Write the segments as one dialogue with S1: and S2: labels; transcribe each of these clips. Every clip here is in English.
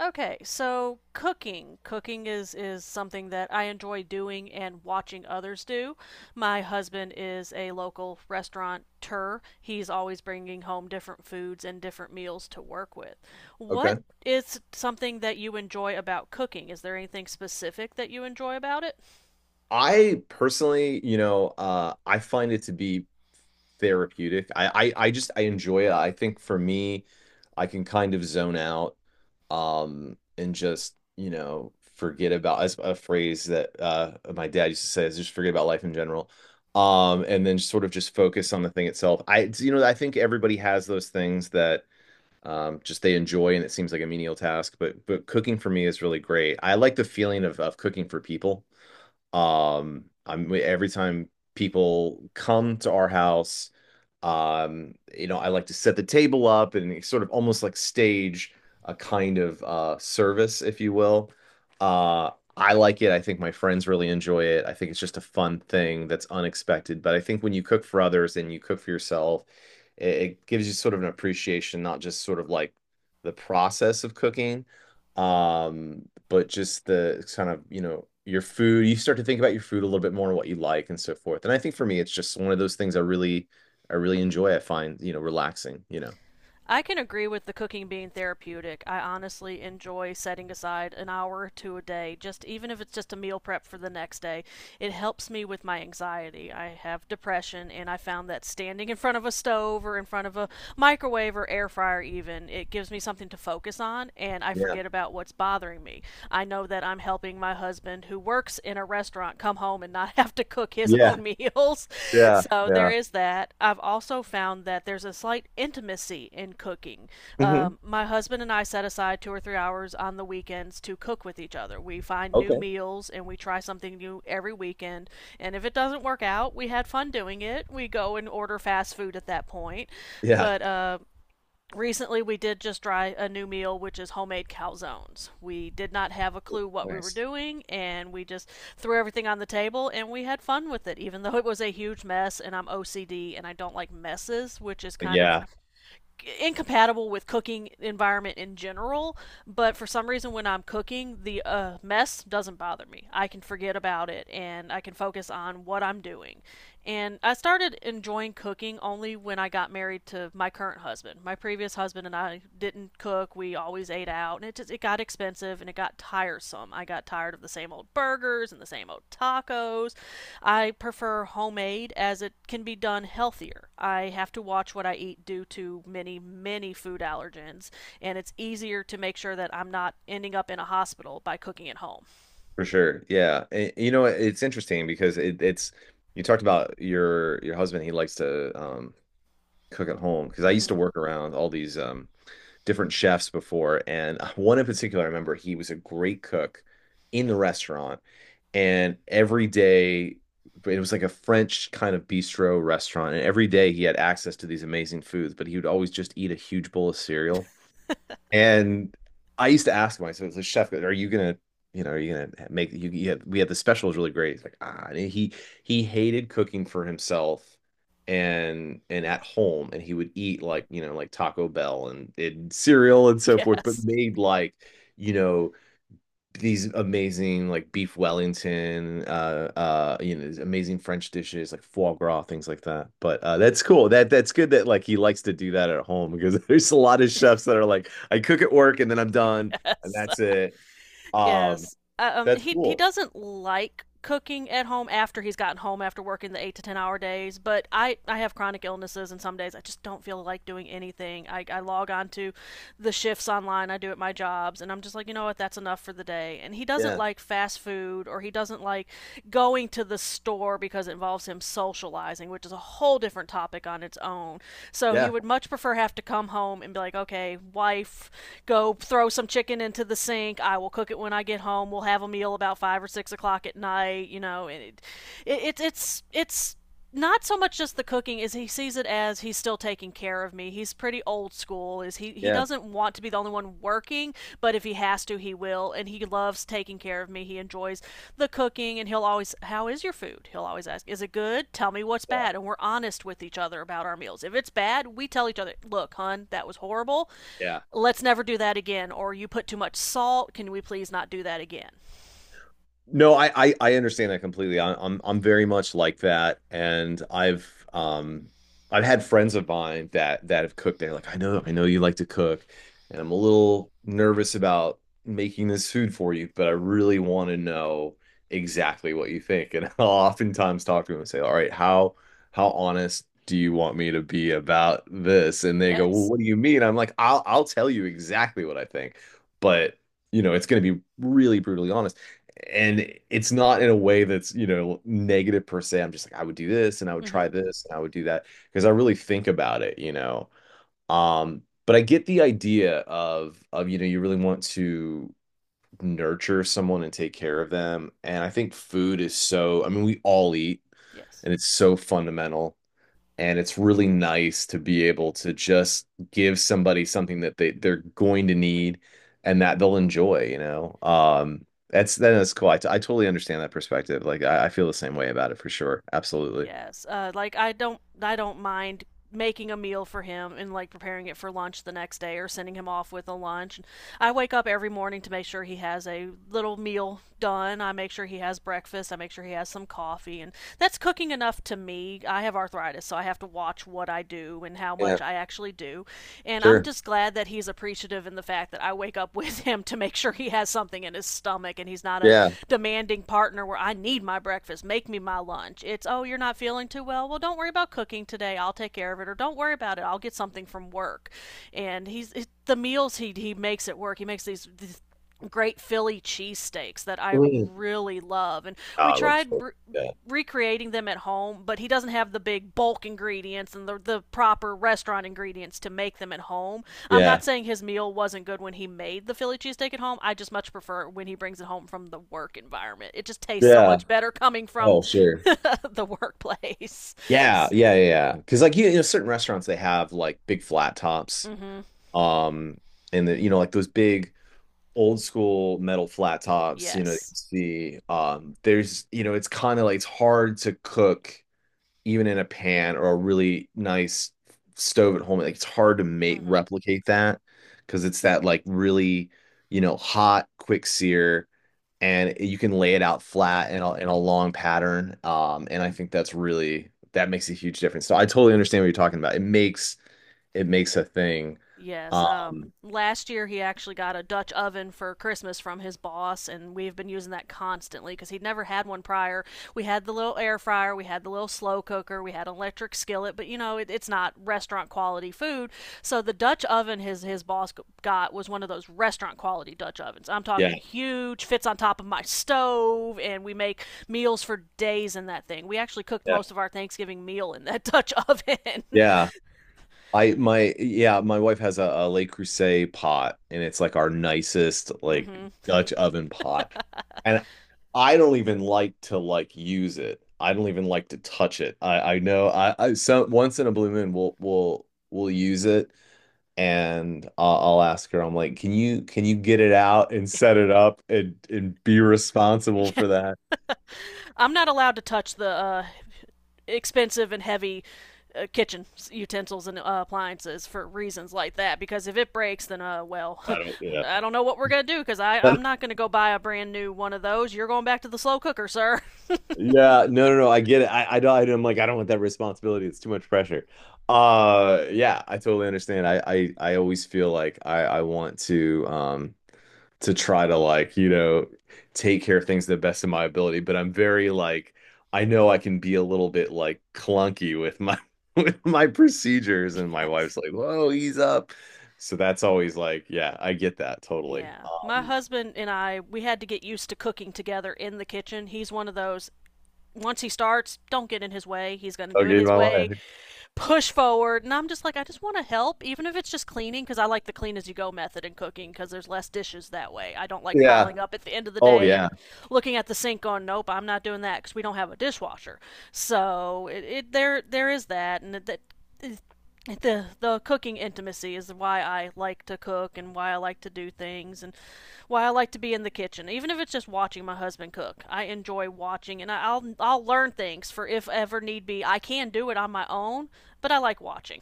S1: Okay, so cooking. Cooking is something that I enjoy doing and watching others do. My husband is a local restaurateur. He's always bringing home different foods and different meals to work with.
S2: Okay.
S1: What is something that you enjoy about cooking? Is there anything specific that you enjoy about it?
S2: I personally, you know, I find it to be therapeutic. I enjoy it. I think for me, I can kind of zone out, and just, you know, forget about as a phrase that my dad used to say is just forget about life in general. And then sort of just focus on the thing itself. It's- you know, I think everybody has those things that just they enjoy and it seems like a menial task, but cooking for me is really great. I like the feeling of cooking for people. I'm Every time people come to our house, you know, I like to set the table up and sort of almost like stage a kind of service, if you will. uh I like it. I think my friends really enjoy it. I think it's just a fun thing that's unexpected, but I think when you cook for others and you cook for yourself, it gives you sort of an appreciation, not just sort of like the process of cooking, um but just the kind of, you know, your food. You start to think about your food a little bit more and what you like and so forth. And I think for me it's just one of those things I really enjoy. I find, you know, relaxing, you know.
S1: I can agree with the cooking being therapeutic. I honestly enjoy setting aside an hour or two a day, just even if it's just a meal prep for the next day. It helps me with my anxiety. I have depression, and I found that standing in front of a stove or in front of a microwave or air fryer, even, it gives me something to focus on, and I
S2: Yeah.
S1: forget about what's bothering me. I know that I'm helping my husband, who works in a restaurant come home and not have to cook his
S2: Yeah.
S1: own meals.
S2: Yeah.
S1: So there
S2: Yeah.
S1: is that. I've also found that there's a slight intimacy in cooking.
S2: Hmm.
S1: My husband and I set aside 2 or 3 hours on the weekends to cook with each other. We find new
S2: Okay.
S1: meals and we try something new every weekend. And if it doesn't work out, we had fun doing it. We go and order fast food at that point.
S2: Yeah.
S1: But recently we did just try a new meal, which is homemade calzones. We did not have a clue what we were
S2: Nice.
S1: doing, and we just threw everything on the table and we had fun with it, even though it was a huge mess. And I'm OCD and I don't like messes, which is kind of
S2: Yeah,
S1: incompatible with cooking environment in general. But for some reason, when I'm cooking, the mess doesn't bother me. I can forget about it and I can focus on what I'm doing. And I started enjoying cooking only when I got married to my current husband. My previous husband and I didn't cook. We always ate out and it just it got expensive and it got tiresome. I got tired of the same old burgers and the same old tacos. I prefer homemade as it can be done healthier. I have to watch what I eat due to many food allergens, and it's easier to make sure that I'm not ending up in a hospital by cooking at home.
S2: for sure. Yeah. And, you know, it's interesting because it's you talked about your husband, he likes to cook at home, because I used to
S1: Mhm.
S2: work around all these different chefs before, and one in particular, I remember he was a great cook in the restaurant, and every day it was like a French kind of bistro restaurant, and every day he had access to these amazing foods, but he would always just eat a huge bowl of cereal. And I used to ask myself, so chef, are you gonna, you know, are you gonna make you have, we had the special is really great. It's like, ah, and he hated cooking for himself and at home, and he would eat like, you know, like Taco Bell and, cereal and so forth, but
S1: Yes.
S2: made like, you know, these amazing like beef Wellington, you know, these amazing French dishes like foie gras, things like that. But that's cool. That's good that like he likes to do that at home, because there's a lot of chefs that are like, I cook at work and then I'm done and
S1: Yes.
S2: that's it. Um,
S1: Yes. Uh, um,
S2: that's
S1: he he
S2: cool.
S1: doesn't like cooking at home after he's gotten home after working the 8 to 10 hour days. But I have chronic illnesses, and some days I just don't feel like doing anything. I log on to the shifts online I do at my jobs, and I'm just like, you know what, that's enough for the day. And he doesn't
S2: Yeah,
S1: like fast food, or he doesn't like going to the store because it involves him socializing, which is a whole different topic on its own. So he
S2: yeah,
S1: would much prefer have to come home and be like, okay, wife, go throw some chicken into the sink. I will cook it when I get home. We'll have a meal about 5 or 6 o'clock at night. You know, and it's not so much just the cooking as he sees it, as he's still taking care of me. He's pretty old school. Is he
S2: yeah,
S1: doesn't want to be the only one working, but if he has to, he will, and he loves taking care of me. He enjoys the cooking, and he'll always how is your food? He'll always ask, "Is it good? Tell me what's
S2: yeah,
S1: bad." And we're honest with each other about our meals. If it's bad, we tell each other, "Look, hun, that was horrible,
S2: yeah.
S1: let's never do that again," or "You put too much salt, can we please not do that again."
S2: No, I understand that completely. I'm very much like that, and um I've had friends of mine that have cooked. They're like, I know you like to cook, and I'm a little nervous about making this food for you, but I really want to know exactly what you think. And I'll oftentimes talk to them and say, all right, how honest do you want me to be about this? And they go, well,
S1: Yes.
S2: what do you mean? I'm like, I'll tell you exactly what I think, but you know, it's going to be really brutally honest, and it's not in a way that's, you know, negative per se. I'm just like, I would do this, and I would try
S1: Mm-hmm.
S2: this, and I would do that, because I really think about it, you know. But I get the idea of you know, you really want to nurture someone and take care of them. And I think food is so, I mean, we all eat,
S1: Yes.
S2: and it's so fundamental. And it's really nice to be able to just give somebody something that they're going to need and that they'll enjoy, you know? That's then that's cool. I totally understand that perspective. Like I feel the same way about it for sure. Absolutely.
S1: Yes. Like, I don't mind making a meal for him and like preparing it for lunch the next day or sending him off with a lunch. I wake up every morning to make sure he has a little meal done. I make sure he has breakfast. I make sure he has some coffee. And that's cooking enough to me. I have arthritis, so I have to watch what I do and how
S2: Yeah,
S1: much I actually do. And I'm
S2: sure.
S1: just glad that he's appreciative in the fact that I wake up with him to make sure he has something in his stomach, and he's not a
S2: Yeah.
S1: demanding partner where I need my breakfast, make me my lunch. It's, oh, you're not feeling too well? Well, don't worry about cooking today. I'll take care of it. Or don't worry about it. I'll get something from work. And the meals he makes it work. He makes these great Philly cheesesteaks that I
S2: Mm.
S1: really love. And
S2: Oh,
S1: we
S2: I love
S1: tried
S2: sure. Yeah.
S1: recreating them at home, but he doesn't have the big bulk ingredients and the proper restaurant ingredients to make them at home. I'm
S2: Yeah.
S1: not saying his meal wasn't good when he made the Philly cheesesteak at home. I just much prefer when he brings it home from the work environment. It just tastes so
S2: Yeah.
S1: much better coming from
S2: Oh, sure.
S1: the workplace.
S2: Yeah, yeah, yeah, yeah. Because like you know, certain restaurants they have like big flat tops,
S1: Mm-hmm.
S2: um, and you know, like those big old school metal flat tops, you know, you can
S1: Yes.
S2: see there's, you know, it's kind of like it's hard to cook even in a pan or a really nice stove at home. Like it's hard to make
S1: Mm-hmm.
S2: replicate that because it's that like really, you know, hot quick sear, and you can lay it out flat in a long pattern. And I think that's really that makes a huge difference. So I totally understand what you're talking about. It makes a thing.
S1: Yes.
S2: Um,
S1: Last year he actually got a Dutch oven for Christmas from his boss, and we've been using that constantly because he'd never had one prior. We had the little air fryer, we had the little slow cooker, we had an electric skillet, but you know it, it's not restaurant quality food. So the Dutch oven his boss got was one of those restaurant quality Dutch ovens. I'm
S2: yeah,
S1: talking huge, fits on top of my stove, and we make meals for days in that thing. We actually cooked
S2: yeah,
S1: most of our Thanksgiving meal in that Dutch oven.
S2: yeah. My wife has a Le Creuset pot, and it's like our nicest like
S1: Mm-hmm.
S2: Dutch oven pot. And I don't even like to like use it. I don't even like to touch it. I know I So once in a blue moon we'll use it, and I'll ask her. I'm like, can you get it out and set it up and be responsible
S1: Yeah.
S2: for that?
S1: I'm not allowed to touch the expensive and heavy kitchen utensils and appliances for reasons like that. Because if it breaks, then well,
S2: I don't. Yeah.
S1: I don't know what we're gonna do. Because I'm not gonna go buy a brand new one of those. You're going back to the slow cooker, sir.
S2: Yeah, no, no, no. I get it. I don't. I'm like, I don't want that responsibility. It's too much pressure. Yeah, I totally understand. I always feel like I want to try to like, you know, take care of things to the best of my ability. But I'm very like, I know I can be a little bit like clunky with my, with my procedures. And my
S1: Yeah.
S2: wife's like, whoa, ease up. So that's always like, yeah, I get that totally.
S1: Yeah. My husband and I we had to get used to cooking together in the kitchen. He's one of those. Once he starts, don't get in his way. He's gonna do it
S2: Okay,
S1: his
S2: my way.
S1: way. Push forward. And I'm just like, I just want to help, even if it's just cleaning, because I like the clean as you go method in cooking, because there's less dishes that way. I don't like
S2: Yeah.
S1: piling up at the end of the
S2: Oh
S1: day
S2: yeah.
S1: and looking at the sink going, nope, I'm not doing that because we don't have a dishwasher. So it there there is that, and that the cooking intimacy is why I like to cook and why I like to do things and why I like to be in the kitchen. Even if it's just watching my husband cook, I enjoy watching, and I- will I'll learn things for if ever need be I can do it on my own, but I like watching.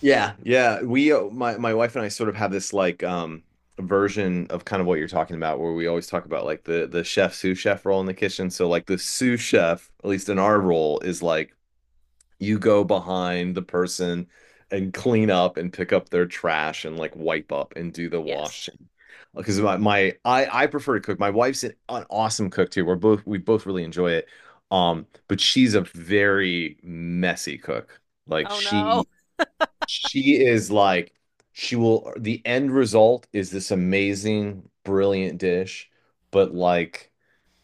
S2: Yeah, yeah. We My my wife and I sort of have this like version of kind of what you're talking about, where we always talk about like the chef sous chef role in the kitchen. So like the sous chef, at least in our role, is like you go behind the person and clean up and pick up their trash and like wipe up and do the
S1: Yes.
S2: washing. Because my I prefer to cook. My wife's an awesome cook too. We both really enjoy it. But she's a very messy cook. Like
S1: Oh no.
S2: she is like, the end result is this amazing, brilliant dish, but like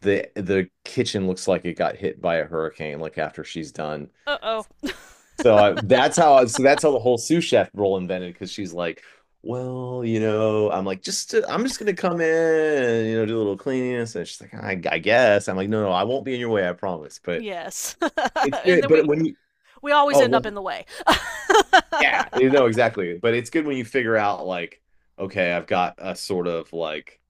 S2: the kitchen looks like it got hit by a hurricane, like after she's done.
S1: Uh oh.
S2: So that's how, so that's how the whole sous chef role invented, because she's like, well, you know, I'm like, I'm just gonna come in and, you know, do a little cleaning. And she's like, I guess. I'm like, no, no, I won't be in your way, I promise. But
S1: Yes.
S2: it's
S1: And
S2: good.
S1: then we
S2: But when you,
S1: we always end
S2: oh,
S1: up in the way.
S2: yeah, you know exactly. But it's good when you figure out like, okay, I've got a sort of like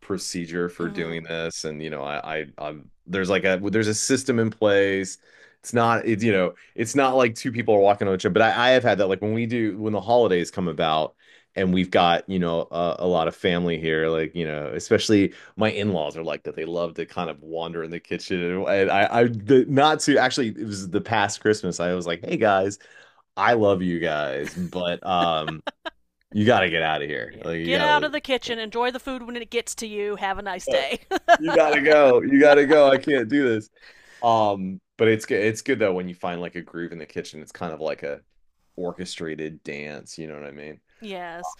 S2: procedure for
S1: Hmm.
S2: doing this, and you know, I'm there's like a there's a system in place. It's you know, it's not like two people are walking on each other. But I have had that like when we do when the holidays come about. And we've got, you know, a lot of family here. Like, you know, especially my in-laws are like that. They love to kind of wander in the kitchen. And not to actually, it was the past Christmas. I was like, hey guys, I love you guys, but you got to get out of here.
S1: Yeah,
S2: Like you
S1: get
S2: got to
S1: out of
S2: leave.
S1: the kitchen, enjoy the food when it gets to you, have a nice day.
S2: You gotta go. You gotta go. I can't do this. But it's good. It's good though when you find like a groove in the kitchen. It's kind of like a orchestrated dance. You know what I mean?
S1: Yes.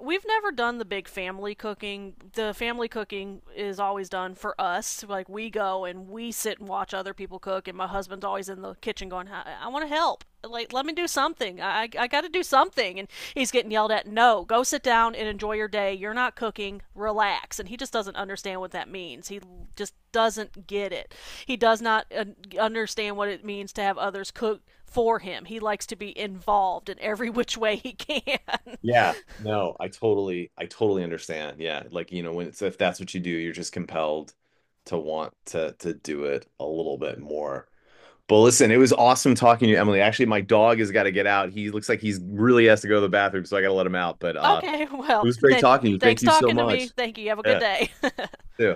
S1: We've never done the big family cooking. The family cooking is always done for us. Like we go and we sit and watch other people cook, and my husband's always in the kitchen going, I want to help. Like let me do something. I got to do something." And he's getting yelled at, "No, go sit down and enjoy your day. You're not cooking. Relax." And he just doesn't understand what that means. He just doesn't get it. He does not understand what it means to have others cook for him. He likes to be involved in every which way he can.
S2: Yeah. No, I totally understand. Yeah, like you know when it's if that's what you do, you're just compelled to want to do it a little bit more. But listen, it was awesome talking to you, Emily. Actually, my dog has got to get out. He looks like he's really has to go to the bathroom, so I got to let him out. But
S1: Okay,
S2: it
S1: well,
S2: was great
S1: then
S2: talking to you. Thank
S1: thanks
S2: you so
S1: talking to
S2: much.
S1: me. Thank you. Have a good
S2: Yeah.
S1: day.
S2: Yeah.